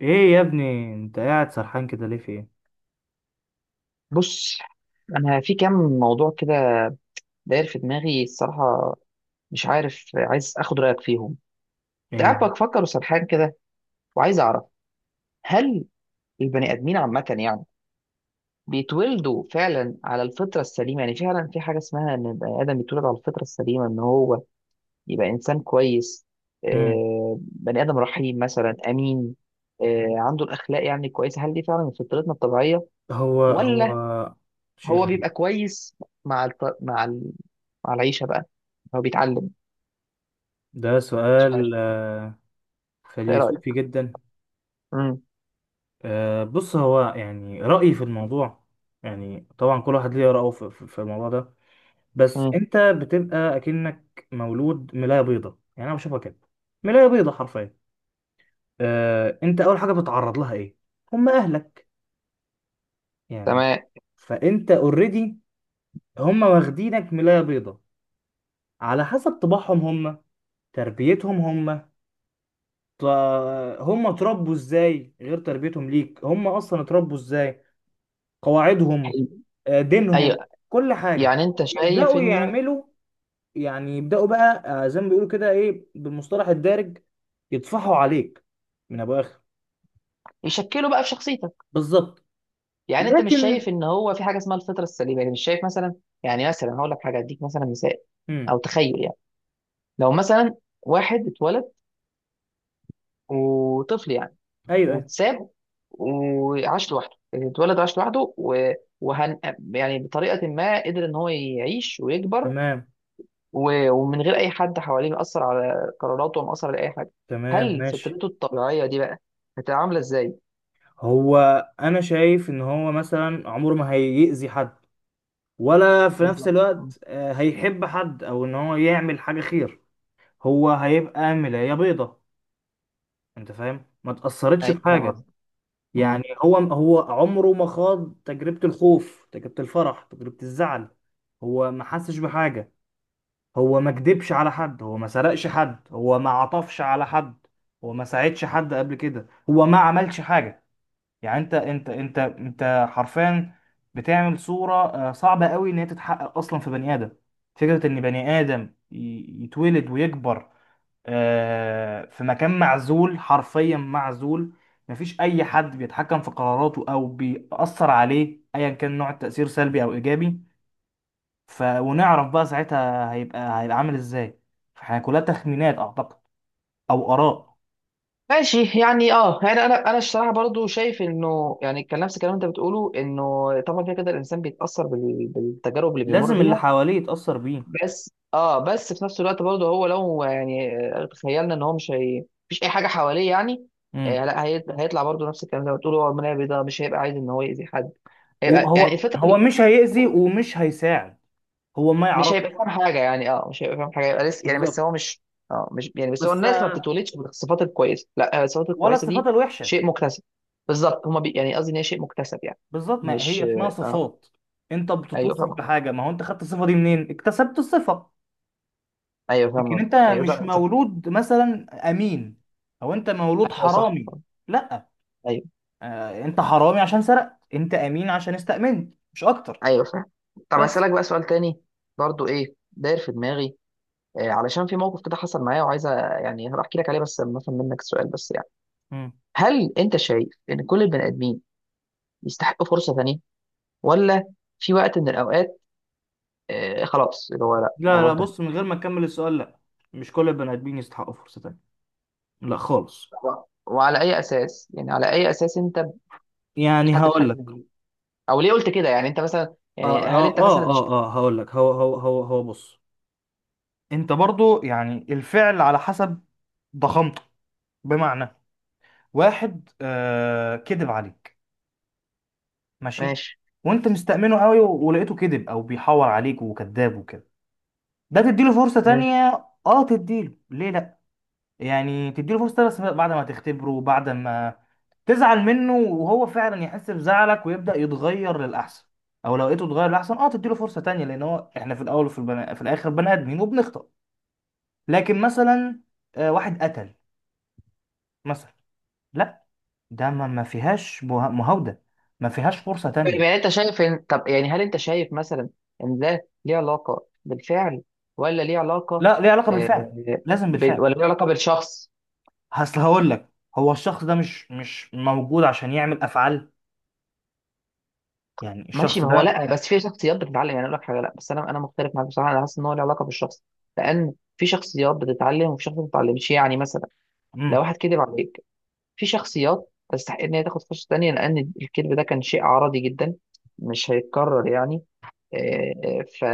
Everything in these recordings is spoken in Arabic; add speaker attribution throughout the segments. Speaker 1: ايه يا ابني، انت قاعد سرحان كده ليه؟ في ايه؟
Speaker 2: بص، انا في كام موضوع كده داير في دماغي الصراحه. مش عارف، عايز اخد رايك فيهم. كنت
Speaker 1: ايه مو-
Speaker 2: قاعد بفكر وسرحان كده، وعايز اعرف، هل البني ادمين عامه يعني بيتولدوا فعلا على الفطره السليمه؟ يعني فعلا في حاجه اسمها ان البني ادم بيتولد على الفطره السليمه ان هو يبقى انسان كويس،
Speaker 1: مم.
Speaker 2: بني ادم رحيم مثلا، امين، عنده الاخلاق يعني كويسه؟ هل دي فعلا من فطرتنا الطبيعيه،
Speaker 1: هو هو
Speaker 2: ولا
Speaker 1: شيء
Speaker 2: هو
Speaker 1: غريب.
Speaker 2: بيبقى كويس مع الط... مع ال... مع العيشه بقى، هو بيتعلم؟
Speaker 1: ده
Speaker 2: مش عارف،
Speaker 1: سؤال
Speaker 2: ايه
Speaker 1: فيلسوفي
Speaker 2: رايك؟
Speaker 1: جدا.
Speaker 2: امم.
Speaker 1: بص، هو يعني رأيي في الموضوع، يعني طبعا كل واحد ليه رأيه في الموضوع ده. بس
Speaker 2: امم.
Speaker 1: انت بتبقى اكنك مولود ملاية بيضة، يعني انا بشوفها كده. ملاية بيضة حرفيا. انت اول حاجة بتتعرض لها ايه؟ هم اهلك، يعني.
Speaker 2: تمام.
Speaker 1: فانت اوريدي، هم واخدينك ملاية بيضة، على حسب طباعهم هم، تربيتهم هم. ط- هم اتربوا ازاي؟ غير تربيتهم ليك، هم اصلا اتربوا ازاي، قواعدهم،
Speaker 2: حلو. ايوه.
Speaker 1: دينهم، كل حاجة.
Speaker 2: يعني انت شايف
Speaker 1: يبدأوا
Speaker 2: انه
Speaker 1: يعملوا، يعني يبدأوا بقى زي ما بيقولوا كده ايه بالمصطلح الدارج، يطفحوا عليك من ابو اخر.
Speaker 2: يشكله بقى في شخصيتك.
Speaker 1: بالظبط.
Speaker 2: يعني انت مش شايف
Speaker 1: لكن
Speaker 2: ان هو في حاجه اسمها الفطره السليمه؟ يعني مش شايف مثلا، يعني مثلا هقول لك حاجه، اديك مثلا مثال،
Speaker 1: امم
Speaker 2: او تخيل يعني. لو مثلا واحد اتولد وطفل يعني
Speaker 1: ايوه، أيوة.
Speaker 2: واتساب وعاش لوحده، يعني اتولد وعاش لوحده وهن... يعني بطريقه ما قدر ان هو يعيش ويكبر
Speaker 1: تمام.
Speaker 2: ومن غير اي حد حواليه مأثر على قراراته ومأثر على اي حاجه،
Speaker 1: تمام
Speaker 2: هل
Speaker 1: ماشي.
Speaker 2: فطرته الطبيعيه دي بقى هتعامله ازاي؟
Speaker 1: هو انا شايف ان هو مثلا عمره ما هيأذي حد، ولا في نفس
Speaker 2: بالظبط. مم.
Speaker 1: الوقت هيحب حد او ان هو يعمل حاجه خير. هو هيبقى ملايه بيضه، انت فاهم؟ ما تاثرتش
Speaker 2: ايوه فاهم
Speaker 1: بحاجه،
Speaker 2: قصدك. مم.
Speaker 1: يعني هو هو عمره ما خاض تجربه الخوف، تجربه الفرح، تجربه الزعل. هو ما حسش بحاجه. هو ما كدبش على حد، هو ما سرقش حد، هو ما عطفش على حد، هو ما ساعدش حد قبل كده، هو ما عملش حاجه. يعني انت حرفيا بتعمل صورة صعبة قوي ان هي تتحقق اصلا في بني ادم. فكرة ان بني ادم يتولد ويكبر في مكان معزول، حرفيا معزول. مفيش اي حد بيتحكم في قراراته او بيأثر عليه، ايا كان نوع التأثير، سلبي او ايجابي. ونعرف بقى ساعتها هيبقى عامل ازاي. فاحنا كلها تخمينات اعتقد، او اراء.
Speaker 2: ماشي. يعني اه، يعني انا الصراحه برضو شايف انه، يعني كان نفس الكلام اللي انت بتقوله، انه طبعا كده كده الانسان بيتاثر بالتجارب اللي بيمر
Speaker 1: لازم اللي
Speaker 2: بيها.
Speaker 1: حواليه يتأثر بيه.
Speaker 2: بس اه، بس في نفس الوقت برضو هو لو يعني، تخيلنا ان هو مش هي، مفيش اي حاجه حواليه يعني. آه لا، هيطلع برضو نفس الكلام زي ما بتقول، هو المنابي ده مش هيبقى عايز ان هو يأذي حد، هيبقى يعني
Speaker 1: هو هو
Speaker 2: الفطره،
Speaker 1: مش هيأذي ومش هيساعد، هو ما
Speaker 2: مش هيبقى
Speaker 1: يعرفش.
Speaker 2: فاهم حاجه. يعني اه، مش هيبقى فاهم حاجه، يبقى لسه يعني، بس
Speaker 1: بالظبط.
Speaker 2: هو مش، اه مش يعني، بس هو
Speaker 1: بس
Speaker 2: الناس ما بتتولدش بالصفات الكويسه لا، الصفات
Speaker 1: ولا
Speaker 2: الكويسه
Speaker 1: الصفات
Speaker 2: دي
Speaker 1: الوحشة.
Speaker 2: شيء مكتسب. بالظبط. يعني قصدي ان هي شيء مكتسب يعني.
Speaker 1: بالظبط، ما
Speaker 2: مش،
Speaker 1: هي اسمها
Speaker 2: اه.
Speaker 1: صفات. انت
Speaker 2: ايوه
Speaker 1: بتتوصف
Speaker 2: فاهم.
Speaker 1: بحاجة، ما هو انت خدت الصفة دي منين؟ اكتسبت الصفة.
Speaker 2: ايوه فاهم
Speaker 1: لكن انت
Speaker 2: قصدك. ايوه
Speaker 1: مش
Speaker 2: لا صح.
Speaker 1: مولود مثلا امين، او انت مولود
Speaker 2: ايوه صح.
Speaker 1: حرامي.
Speaker 2: صح.
Speaker 1: لا.
Speaker 2: ايوه.
Speaker 1: انت حرامي عشان سرقت، انت امين عشان استأمنت، مش اكتر.
Speaker 2: ايوه فاهم. طب
Speaker 1: بس.
Speaker 2: اسالك بقى سؤال تاني، برضو ايه داير في دماغي. علشان في موقف كده حصل معايا وعايز يعني هروح احكي لك عليه بس لما افهم منك السؤال، بس يعني،
Speaker 1: مم.
Speaker 2: هل انت شايف ان كل البني ادمين يستحقوا فرصه ثانيه، ولا في وقت من الأوقات خلاص اللي هو لا
Speaker 1: لا،
Speaker 2: الموضوع
Speaker 1: لا،
Speaker 2: انتهى؟
Speaker 1: بص، من غير ما اكمل السؤال، لا، مش كل البني ادمين يستحقوا فرصة تانية، لا خالص.
Speaker 2: و- وعلى أي أساس، يعني على أي أساس أنت
Speaker 1: يعني
Speaker 2: بتحدد
Speaker 1: هقول
Speaker 2: حاجة زي
Speaker 1: لك.
Speaker 2: دي؟ أو ليه قلت كده؟ يعني أنت مثلا، يعني هل أنت مثلا شايف؟
Speaker 1: اه هقول لك. هو بص، انت برضو يعني الفعل على حسب ضخامته. بمعنى، واحد كذب عليك، ماشي،
Speaker 2: ماشي.
Speaker 1: وانت مستأمنه قوي، ولقيته كذب او بيحور عليك وكذاب وكده، ده تديله فرصة
Speaker 2: ماشي.
Speaker 1: تانية؟ اه تديله، ليه لا. يعني تديله فرصة بس بعد ما تختبره وبعد ما تزعل منه وهو فعلا يحس بزعلك ويبدأ يتغير للأحسن، أو لو لقيته اتغير للأحسن اه تديله فرصة تانية، لأن هو احنا في الأول وفي في الآخر بني آدمين وبنخطأ. لكن مثلا واحد قتل مثلا، لا، ده ما فيهاش مهاودة، ما فيهاش فرصة تانية.
Speaker 2: يعني أنت شايف إن، طب يعني هل أنت شايف مثلا إن ده ليه علاقة بالفعل، ولا ليه علاقة،
Speaker 1: لا، ليه علاقة بالفعل،
Speaker 2: آه،
Speaker 1: لازم بالفعل.
Speaker 2: ولا ليه علاقة بالشخص؟
Speaker 1: أصل هقول لك، هو الشخص ده مش موجود عشان يعمل أفعال، يعني
Speaker 2: ماشي.
Speaker 1: الشخص
Speaker 2: ما هو
Speaker 1: ده.
Speaker 2: لا، بس في شخصيات بتتعلم، يعني أقول لك حاجة. لا بس أنا مختلف معاك بصراحة، أنا حاسس إن هو ليه علاقة بالشخص، لأن في شخصيات بتتعلم وفي شخصيات ما بتتعلمش. يعني مثلا لو
Speaker 1: مم.
Speaker 2: واحد كذب عليك، في شخصيات تستحق ان هي تاخد فرصه تانية لان الكذب ده كان شيء عرضي جدا، مش هيتكرر يعني، آه، ف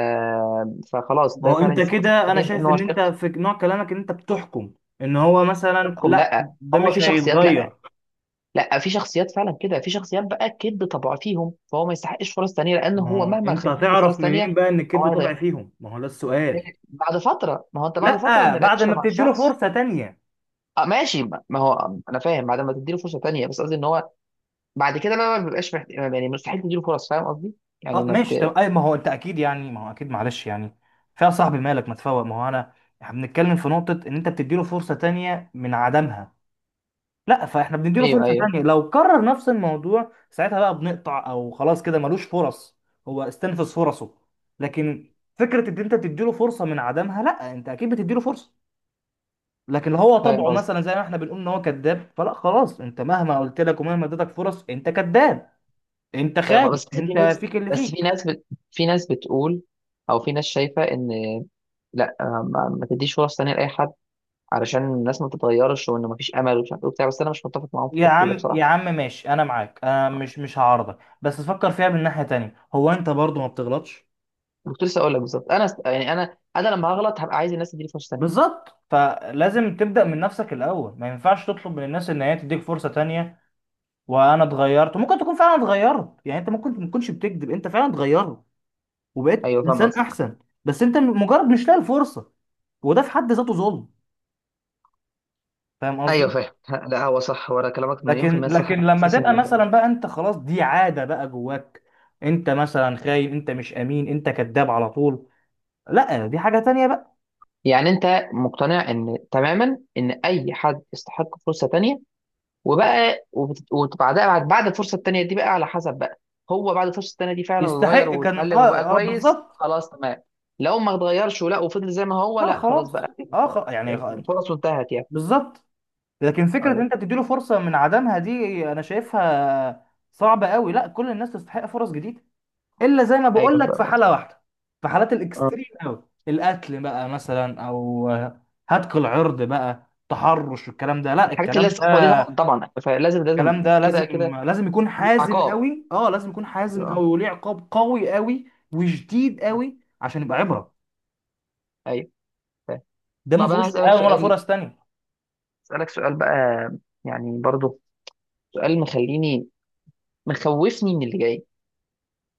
Speaker 2: فخلاص
Speaker 1: ما
Speaker 2: ده
Speaker 1: هو
Speaker 2: فعلا
Speaker 1: انت
Speaker 2: يستحق فرصه
Speaker 1: كده، انا
Speaker 2: تانية لان
Speaker 1: شايف
Speaker 2: هو
Speaker 1: ان انت
Speaker 2: شخص.
Speaker 1: في نوع كلامك ان انت بتحكم ان هو
Speaker 2: مش
Speaker 1: مثلا
Speaker 2: بحكم،
Speaker 1: لا،
Speaker 2: لا،
Speaker 1: ده
Speaker 2: هو
Speaker 1: مش
Speaker 2: في شخصيات، لا،
Speaker 1: هيتغير.
Speaker 2: لا، في شخصيات فعلا كده، في شخصيات بقى الكذب طبع فيهم، فهو ما يستحقش فرص تانية لان
Speaker 1: ما
Speaker 2: هو
Speaker 1: هو
Speaker 2: مهما
Speaker 1: انت
Speaker 2: خدت له فرص
Speaker 1: هتعرف منين
Speaker 2: تانية
Speaker 1: بقى ان
Speaker 2: هو
Speaker 1: الكذب طبع
Speaker 2: هيضيع
Speaker 1: فيهم؟ ما هو ده السؤال.
Speaker 2: بعد فتره. ما هو انت بعد فتره
Speaker 1: لا
Speaker 2: من
Speaker 1: بعد
Speaker 2: العشره
Speaker 1: ما
Speaker 2: مع
Speaker 1: بتديله
Speaker 2: الشخص،
Speaker 1: فرصة تانية.
Speaker 2: آه ماشي، ما ما هو انا فاهم بعد ما تديله فرصه تانية، بس قصدي ان هو بعد كده لا لا، ما بيبقاش يعني مستحيل تديله فرص، فاهم قصدي؟ يعني
Speaker 1: اه
Speaker 2: ما
Speaker 1: ماشي،
Speaker 2: بت...
Speaker 1: طب اي، ما هو انت اكيد يعني، ما هو اكيد معلش يعني فيها صاحبي مالك ما تفوق، ما هو انا احنا بنتكلم في نقطة ان انت بتديله فرصة تانية من عدمها، لا فاحنا بنديله
Speaker 2: ايوه.
Speaker 1: فرصة
Speaker 2: ايوه
Speaker 1: تانية، لو كرر نفس الموضوع ساعتها بقى بنقطع، او خلاص كده ملوش فرص، هو استنفذ فرصه. لكن فكرة ان انت تديله فرصة من عدمها، لا انت اكيد بتديله فرصة، لكن لو هو
Speaker 2: فاهم
Speaker 1: طبعه
Speaker 2: قصدي.
Speaker 1: مثلا زي ما احنا بنقول ان هو كذاب، فلا خلاص، انت مهما قلت لك ومهما اديتك فرص انت كذاب، انت
Speaker 2: فاهم،
Speaker 1: خايف،
Speaker 2: بس في
Speaker 1: انت
Speaker 2: ناس،
Speaker 1: فيك اللي
Speaker 2: بس في
Speaker 1: فيك.
Speaker 2: ناس في ناس بتقول، او في ناس شايفه ان لا، ما, ما تديش فرص تانيه لاي حد علشان الناس ما تتغيرش، وان ما فيش امل، ومش عارف ايه وبتاع. بس انا مش متفق معاهم في
Speaker 1: يا
Speaker 2: التفكير ده
Speaker 1: عم،
Speaker 2: بصراحه.
Speaker 1: يا عم، ماشي، انا معاك، انا مش هعارضك، بس فكر فيها من ناحية تانية، هو انت برضه ما بتغلطش؟
Speaker 2: كنت لسه اقول لك بالظبط، انا يعني انا لما هغلط هبقى عايز الناس تديني فرصه تانيه.
Speaker 1: بالظبط، فلازم تبدأ من نفسك الأول، ما ينفعش تطلب من الناس إن هي تديك فرصة تانية وأنا اتغيرت. ممكن تكون فعلا اتغيرت، يعني أنت ممكن ما تكونش بتكذب، أنت فعلا اتغيرت وبقيت
Speaker 2: ايوه فاهم
Speaker 1: إنسان
Speaker 2: قصدك.
Speaker 1: أحسن، بس أنت مجرد مش لاقي الفرصة، وده في حد ذاته ظلم، فاهم
Speaker 2: ايوه
Speaker 1: قصدي؟
Speaker 2: فاهم. لا هو صح، ورا كلامك مليون في المية
Speaker 1: لكن
Speaker 2: صح.
Speaker 1: لكن
Speaker 2: انا
Speaker 1: لما
Speaker 2: حاسس ان،
Speaker 1: تبقى مثلا بقى أنت خلاص دي عادة بقى جواك، أنت مثلا خاين، أنت مش أمين، أنت كذاب على طول، لا دي حاجة تانية بقى.
Speaker 2: يعني انت مقتنع ان تماما ان اي حد يستحق فرصه تانية، وبقى وبعدها، بعد بعد الفرصه التانية دي بقى على حسب بقى، هو بعد الفرصه التانية دي فعلا
Speaker 1: يستحق
Speaker 2: اتغير
Speaker 1: كان،
Speaker 2: واتعلم وبقى كويس،
Speaker 1: بالظبط.
Speaker 2: خلاص تمام. لو ما اتغيرش ولا وفضل زي ما هو،
Speaker 1: لا
Speaker 2: لا خلاص
Speaker 1: خلاص،
Speaker 2: بقى.
Speaker 1: اه خلاص يعني
Speaker 2: يعني فرصه انتهت يعني.
Speaker 1: بالظبط. لكن فكرة ان
Speaker 2: ايوه.
Speaker 1: انت تديله فرصة من عدمها دي انا شايفها صعبة قوي، لا كل الناس تستحق فرص جديدة، الا زي ما بقول
Speaker 2: ايوه
Speaker 1: لك
Speaker 2: فاهم
Speaker 1: في حالة
Speaker 2: قصدك.
Speaker 1: واحدة، في حالات الاكستريم
Speaker 2: اه.
Speaker 1: قوي، القتل بقى مثلا، او هتك العرض بقى، تحرش، والكلام ده، لا
Speaker 2: الحاجات اللي هي
Speaker 1: الكلام ده،
Speaker 2: الصعبه دي طبعا طبعا، فلازم لازم.
Speaker 1: الكلام ده
Speaker 2: كده
Speaker 1: لازم
Speaker 2: كده
Speaker 1: لازم يكون
Speaker 2: في
Speaker 1: حازم
Speaker 2: عقاب.
Speaker 1: قوي، اه لازم يكون حازم
Speaker 2: اه.
Speaker 1: قوي وليه عقاب قوي قوي وشديد قوي عشان يبقى عبرة.
Speaker 2: ايوه. فاهم.
Speaker 1: ده ما
Speaker 2: طب انا
Speaker 1: فيهوش
Speaker 2: هسألك
Speaker 1: تهاون ولا
Speaker 2: سؤال،
Speaker 1: فرص تانية.
Speaker 2: هسألك سؤال بقى، يعني برضو سؤال مخليني، مخوفني من اللي جاي.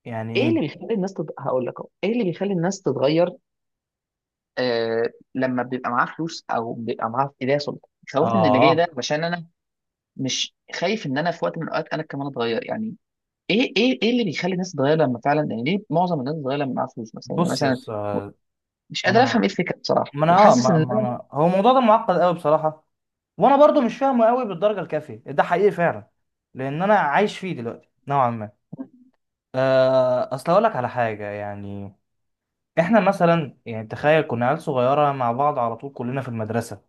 Speaker 1: يعني
Speaker 2: ايه اللي
Speaker 1: ايه؟
Speaker 2: بيخلي الناس هقول لك اهو، ايه اللي بيخلي الناس تتغير، آه لما بيبقى معاه فلوس او بيبقى معاه ايديا سلطه؟ خوفني من اللي جاي ده
Speaker 1: اه
Speaker 2: عشان انا مش خايف ان انا في وقت من الاوقات انا كمان اتغير يعني. ايه ايه ايه اللي بيخلي الناس تتغير لما فعلا، يعني ليه معظم الناس تتغير لما معاها فلوس مثلا يعني
Speaker 1: بص يا
Speaker 2: مثلا؟ و-
Speaker 1: اسطى،
Speaker 2: مش قادر افهم
Speaker 1: انا
Speaker 2: ايه الفكره بصراحه،
Speaker 1: ما انا اه
Speaker 2: وحاسس ان
Speaker 1: ما ما
Speaker 2: انا.
Speaker 1: انا هو الموضوع ده معقد قوي بصراحه، وانا برضو مش فاهمه قوي بالدرجه الكافيه، ده حقيقي فعلا، لان انا عايش فيه دلوقتي نوعا ما. اصل اقول لك على حاجه، يعني احنا مثلا يعني تخيل كنا عيال صغيره مع بعض على طول كلنا في المدرسه،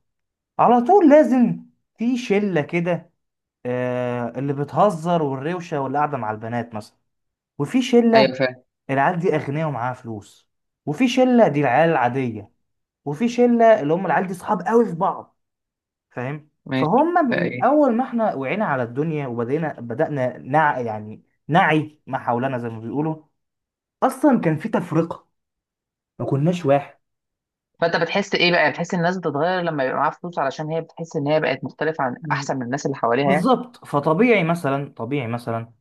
Speaker 1: على طول لازم في شله كده اللي بتهزر والروشه واللي قاعده مع البنات مثلا، وفي شله
Speaker 2: ايوه فاهم.
Speaker 1: العيال دي اغنياء ومعاها فلوس، وفي شله دي العيال العاديه، وفي شله اللي هم العيال دي صحاب قوي في بعض. فاهم؟
Speaker 2: ماشي
Speaker 1: فهم
Speaker 2: بقى،
Speaker 1: من
Speaker 2: ايه؟
Speaker 1: اول ما احنا وعينا على الدنيا وبدينا بدأنا نع يعني نعي ما حولنا زي ما بيقولوا، اصلا كان في تفرقة، ما كناش واحد.
Speaker 2: فانت بتحس ايه بقى، بتحس ان الناس بتتغير لما يبقى معاها فلوس علشان هي بتحس ان هي بقت مختلفه عن،
Speaker 1: مم.
Speaker 2: احسن من الناس اللي حواليها يعني؟
Speaker 1: بالظبط، فطبيعي مثلا، طبيعي مثلا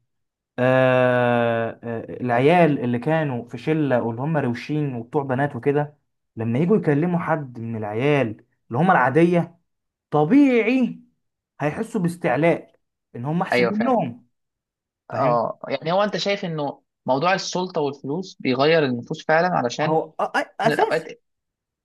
Speaker 1: العيال اللي كانوا في شلة واللي هم روشين وبتوع بنات وكده، لما يجوا يكلموا حد من العيال اللي هم العادية، طبيعي هيحسوا باستعلاء ان هم احسن
Speaker 2: ايوه فاهم.
Speaker 1: منهم، فاهم.
Speaker 2: اه يعني، هو انت شايف انه موضوع السلطه والفلوس بيغير النفوس فعلا؟ علشان
Speaker 1: هو
Speaker 2: من
Speaker 1: اساسي.
Speaker 2: الاوقات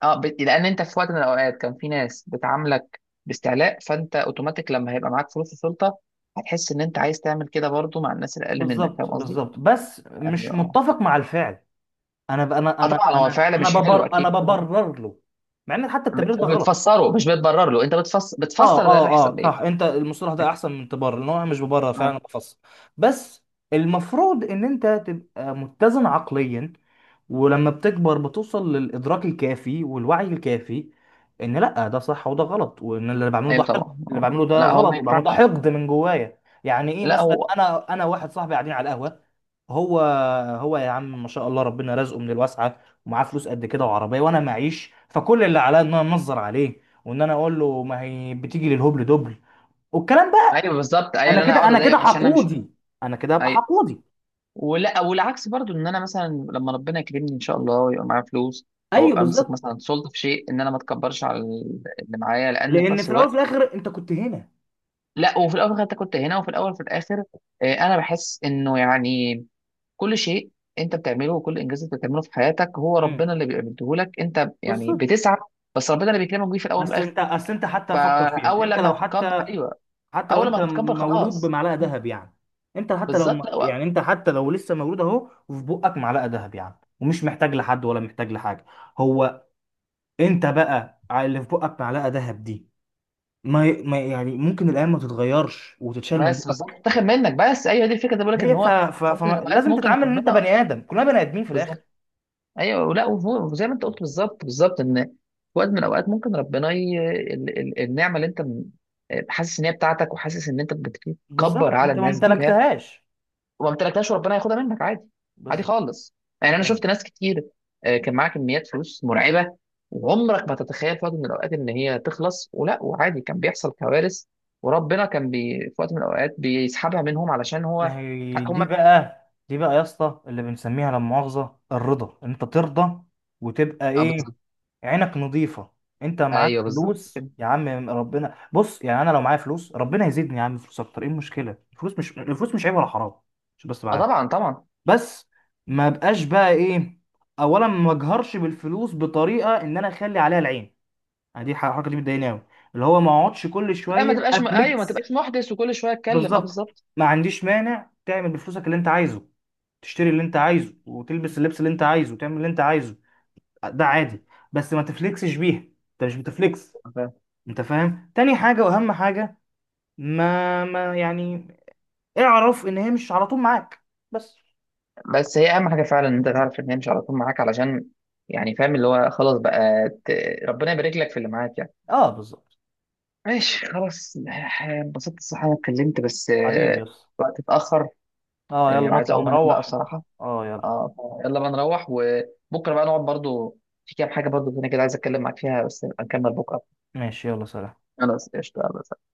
Speaker 2: اه، لان انت في وقت من الاوقات كان في ناس بتعاملك باستعلاء، فانت اوتوماتيك لما هيبقى معاك فلوس وسلطه هتحس ان انت عايز تعمل كده برضو مع الناس الاقل منك، فاهم
Speaker 1: بالظبط،
Speaker 2: قصدي؟
Speaker 1: بالظبط، بس
Speaker 2: يعني
Speaker 1: مش
Speaker 2: اه.
Speaker 1: متفق مع الفعل. انا ب... انا
Speaker 2: آه
Speaker 1: انا
Speaker 2: طبعا هو
Speaker 1: انا
Speaker 2: فعلا
Speaker 1: انا
Speaker 2: مش حلو
Speaker 1: ببر انا
Speaker 2: اكيد طبعا.
Speaker 1: ببرر له، مع ان حتى التبرير ده غلط.
Speaker 2: بتفسره مش بتبرر له، انت بتفسر، بتفسر ده
Speaker 1: اه
Speaker 2: بيحصل ليه؟
Speaker 1: صح، انت المصطلح ده
Speaker 2: بت-
Speaker 1: احسن من تبرر، لان هو مش ببرر فعلا،
Speaker 2: اه.
Speaker 1: أنا بفسر. بس المفروض ان انت تبقى متزن عقليا، ولما بتكبر بتوصل للإدراك الكافي والوعي الكافي إن لأ، ده صح وده غلط، وإن اللي بعمله ده
Speaker 2: ايوه
Speaker 1: حقد،
Speaker 2: طبعا
Speaker 1: اللي
Speaker 2: اه،
Speaker 1: بعمله ده
Speaker 2: لا هو ما
Speaker 1: غلط، وبعمله ده
Speaker 2: ينفعش.
Speaker 1: حقد من جوايا. يعني إيه،
Speaker 2: لا
Speaker 1: مثلا
Speaker 2: هو.
Speaker 1: أنا واحد صاحبي قاعدين على القهوة، هو هو يا عم ما شاء الله ربنا رزقه من الواسعه، ومعاه فلوس قد كده وعربيه وانا معيش، فكل اللي عليا ان انا انظر عليه وان انا اقول له ما هي بتيجي للهبل دبل، والكلام بقى.
Speaker 2: ايوه بالظبط، ايوه
Speaker 1: انا
Speaker 2: اللي انا
Speaker 1: كده،
Speaker 2: اقعد
Speaker 1: انا كده
Speaker 2: اضايقه عشان انا مش.
Speaker 1: حقودي، انا كده هبقى
Speaker 2: ايوه.
Speaker 1: حقودي.
Speaker 2: ولا والعكس برضو، ان انا مثلا لما ربنا يكرمني ان شاء الله ويبقى معايا فلوس، او
Speaker 1: ايوه
Speaker 2: ابقى امسك
Speaker 1: بالظبط،
Speaker 2: مثلا سلطه في شيء، ان انا ما اتكبرش على اللي معايا، لان في
Speaker 1: لان
Speaker 2: نفس
Speaker 1: في الاول وفي
Speaker 2: الوقت.
Speaker 1: الاخر انت كنت هنا.
Speaker 2: لا وفي الاول انت كنت هنا، وفي الاول وفي الاخر، انا بحس انه يعني كل شيء انت بتعمله وكل انجاز انت بتعمله في حياتك هو
Speaker 1: امم
Speaker 2: ربنا اللي بيديه لك، انت يعني
Speaker 1: بالظبط.
Speaker 2: بتسعى، بس ربنا اللي بيكرمك بيه في الاول وفي
Speaker 1: اصل
Speaker 2: الاخر.
Speaker 1: انت، حتى فكر فيها،
Speaker 2: فاول
Speaker 1: انت
Speaker 2: لما
Speaker 1: لو
Speaker 2: هتتكبر،
Speaker 1: حتى،
Speaker 2: ايوه،
Speaker 1: حتى لو
Speaker 2: اول
Speaker 1: انت
Speaker 2: لما هتتكبر
Speaker 1: مولود
Speaker 2: خلاص.
Speaker 1: بمعلقه ذهب يعني، انت حتى لو
Speaker 2: بالظبط. لا،
Speaker 1: يعني انت حتى لو لسه مولود اهو وفي بقك معلقه ذهب يعني، ومش محتاج لحد ولا محتاج لحاجه، هو انت بقى اللي في بقك معلقه ذهب دي، ما يعني ممكن الايام ما تتغيرش وتتشال من
Speaker 2: بس
Speaker 1: بقك.
Speaker 2: بالظبط تاخد منك، بس ايوه دي الفكره اللي بقول لك ان هو في وقت من الأوقات
Speaker 1: فلازم
Speaker 2: ممكن
Speaker 1: تتعامل ان انت بني
Speaker 2: ربنا.
Speaker 1: ادم، كلنا بني ادمين في الاخر.
Speaker 2: بالظبط. ايوه ولا وزي ما انت قلت بالظبط بالظبط، ان في وقت من الاوقات ممكن ربنا النعمه اللي انت حاسس ان هي بتاعتك، وحاسس ان انت بتكبر
Speaker 1: بالظبط،
Speaker 2: على
Speaker 1: انت ما
Speaker 2: الناس بيها،
Speaker 1: امتلكتهاش.
Speaker 2: وما امتلكتهاش، وربنا ياخدها منك عادي. عادي
Speaker 1: بالظبط،
Speaker 2: خالص. يعني انا
Speaker 1: يعني
Speaker 2: شفت ناس كتير، كان معاها كميات فلوس مرعبه، وعمرك ما تتخيل في وقت من الاوقات ان هي تخلص، ولا وعادي كان بيحصل كوارث، وربنا كان في وقت من الاوقات بيسحبها منهم علشان هو.
Speaker 1: ما هي
Speaker 2: هم.
Speaker 1: دي بقى. دي بقى يا اسطى اللي بنسميها لا مؤاخذه الرضا، ان انت ترضى وتبقى
Speaker 2: اه
Speaker 1: ايه؟
Speaker 2: بالظبط.
Speaker 1: عينك نظيفه. انت معاك
Speaker 2: ايوه بالظبط
Speaker 1: فلوس
Speaker 2: كده.
Speaker 1: يا عم، ربنا، بص يعني انا لو معايا فلوس ربنا يزيدني يا عم فلوس اكتر، ايه المشكله؟ الفلوس مش عيب ولا حرام. مش، بس،
Speaker 2: اه طبعا طبعا.
Speaker 1: بس ما بقاش بقى ايه، اولا ما اجهرش بالفلوس بطريقه ان انا اخلي عليها العين، يعني دي الحركه دي بتضايقني قوي، اللي هو ما اقعدش كل
Speaker 2: لا ما
Speaker 1: شويه
Speaker 2: تبقاش ايوه ما
Speaker 1: افليكس.
Speaker 2: تبقاش محدث وكل شويه اتكلم، اه
Speaker 1: بالظبط،
Speaker 2: بالظبط.
Speaker 1: ما عنديش مانع تعمل بفلوسك اللي انت عايزه، تشتري اللي انت عايزه وتلبس اللبس اللي انت عايزه وتعمل اللي انت عايزه، ده عادي، بس ما تفليكسش بيها. انت مش بتفليكس،
Speaker 2: فاهم؟
Speaker 1: انت فاهم؟ تاني حاجه واهم حاجه، ما يعني اعرف ان هي مش على طول معاك، بس.
Speaker 2: بس هي اهم حاجه فعلا، ان انت تعرف ان هي مش على طول معاك علشان يعني، فاهم اللي هو خلاص بقى ربنا يبارك لك في اللي معاك يعني.
Speaker 1: اه بالظبط،
Speaker 2: ماشي خلاص. انبسطت الصراحه إن انا اتكلمت، بس
Speaker 1: حبيبي يس.
Speaker 2: الوقت اتاخر،
Speaker 1: اه يلا
Speaker 2: وعايز
Speaker 1: نطلع
Speaker 2: اقوم انام بقى
Speaker 1: نروح.
Speaker 2: بصراحه.
Speaker 1: اه يلا.
Speaker 2: اه. يلا بقى نروح، وبكره بقى نقعد برضو، في كام حاجه برضو هنا كده عايز اتكلم معاك فيها، بس نبقى نكمل بكره.
Speaker 1: ماشي يلا سلام.
Speaker 2: خلاص قشطه يلا.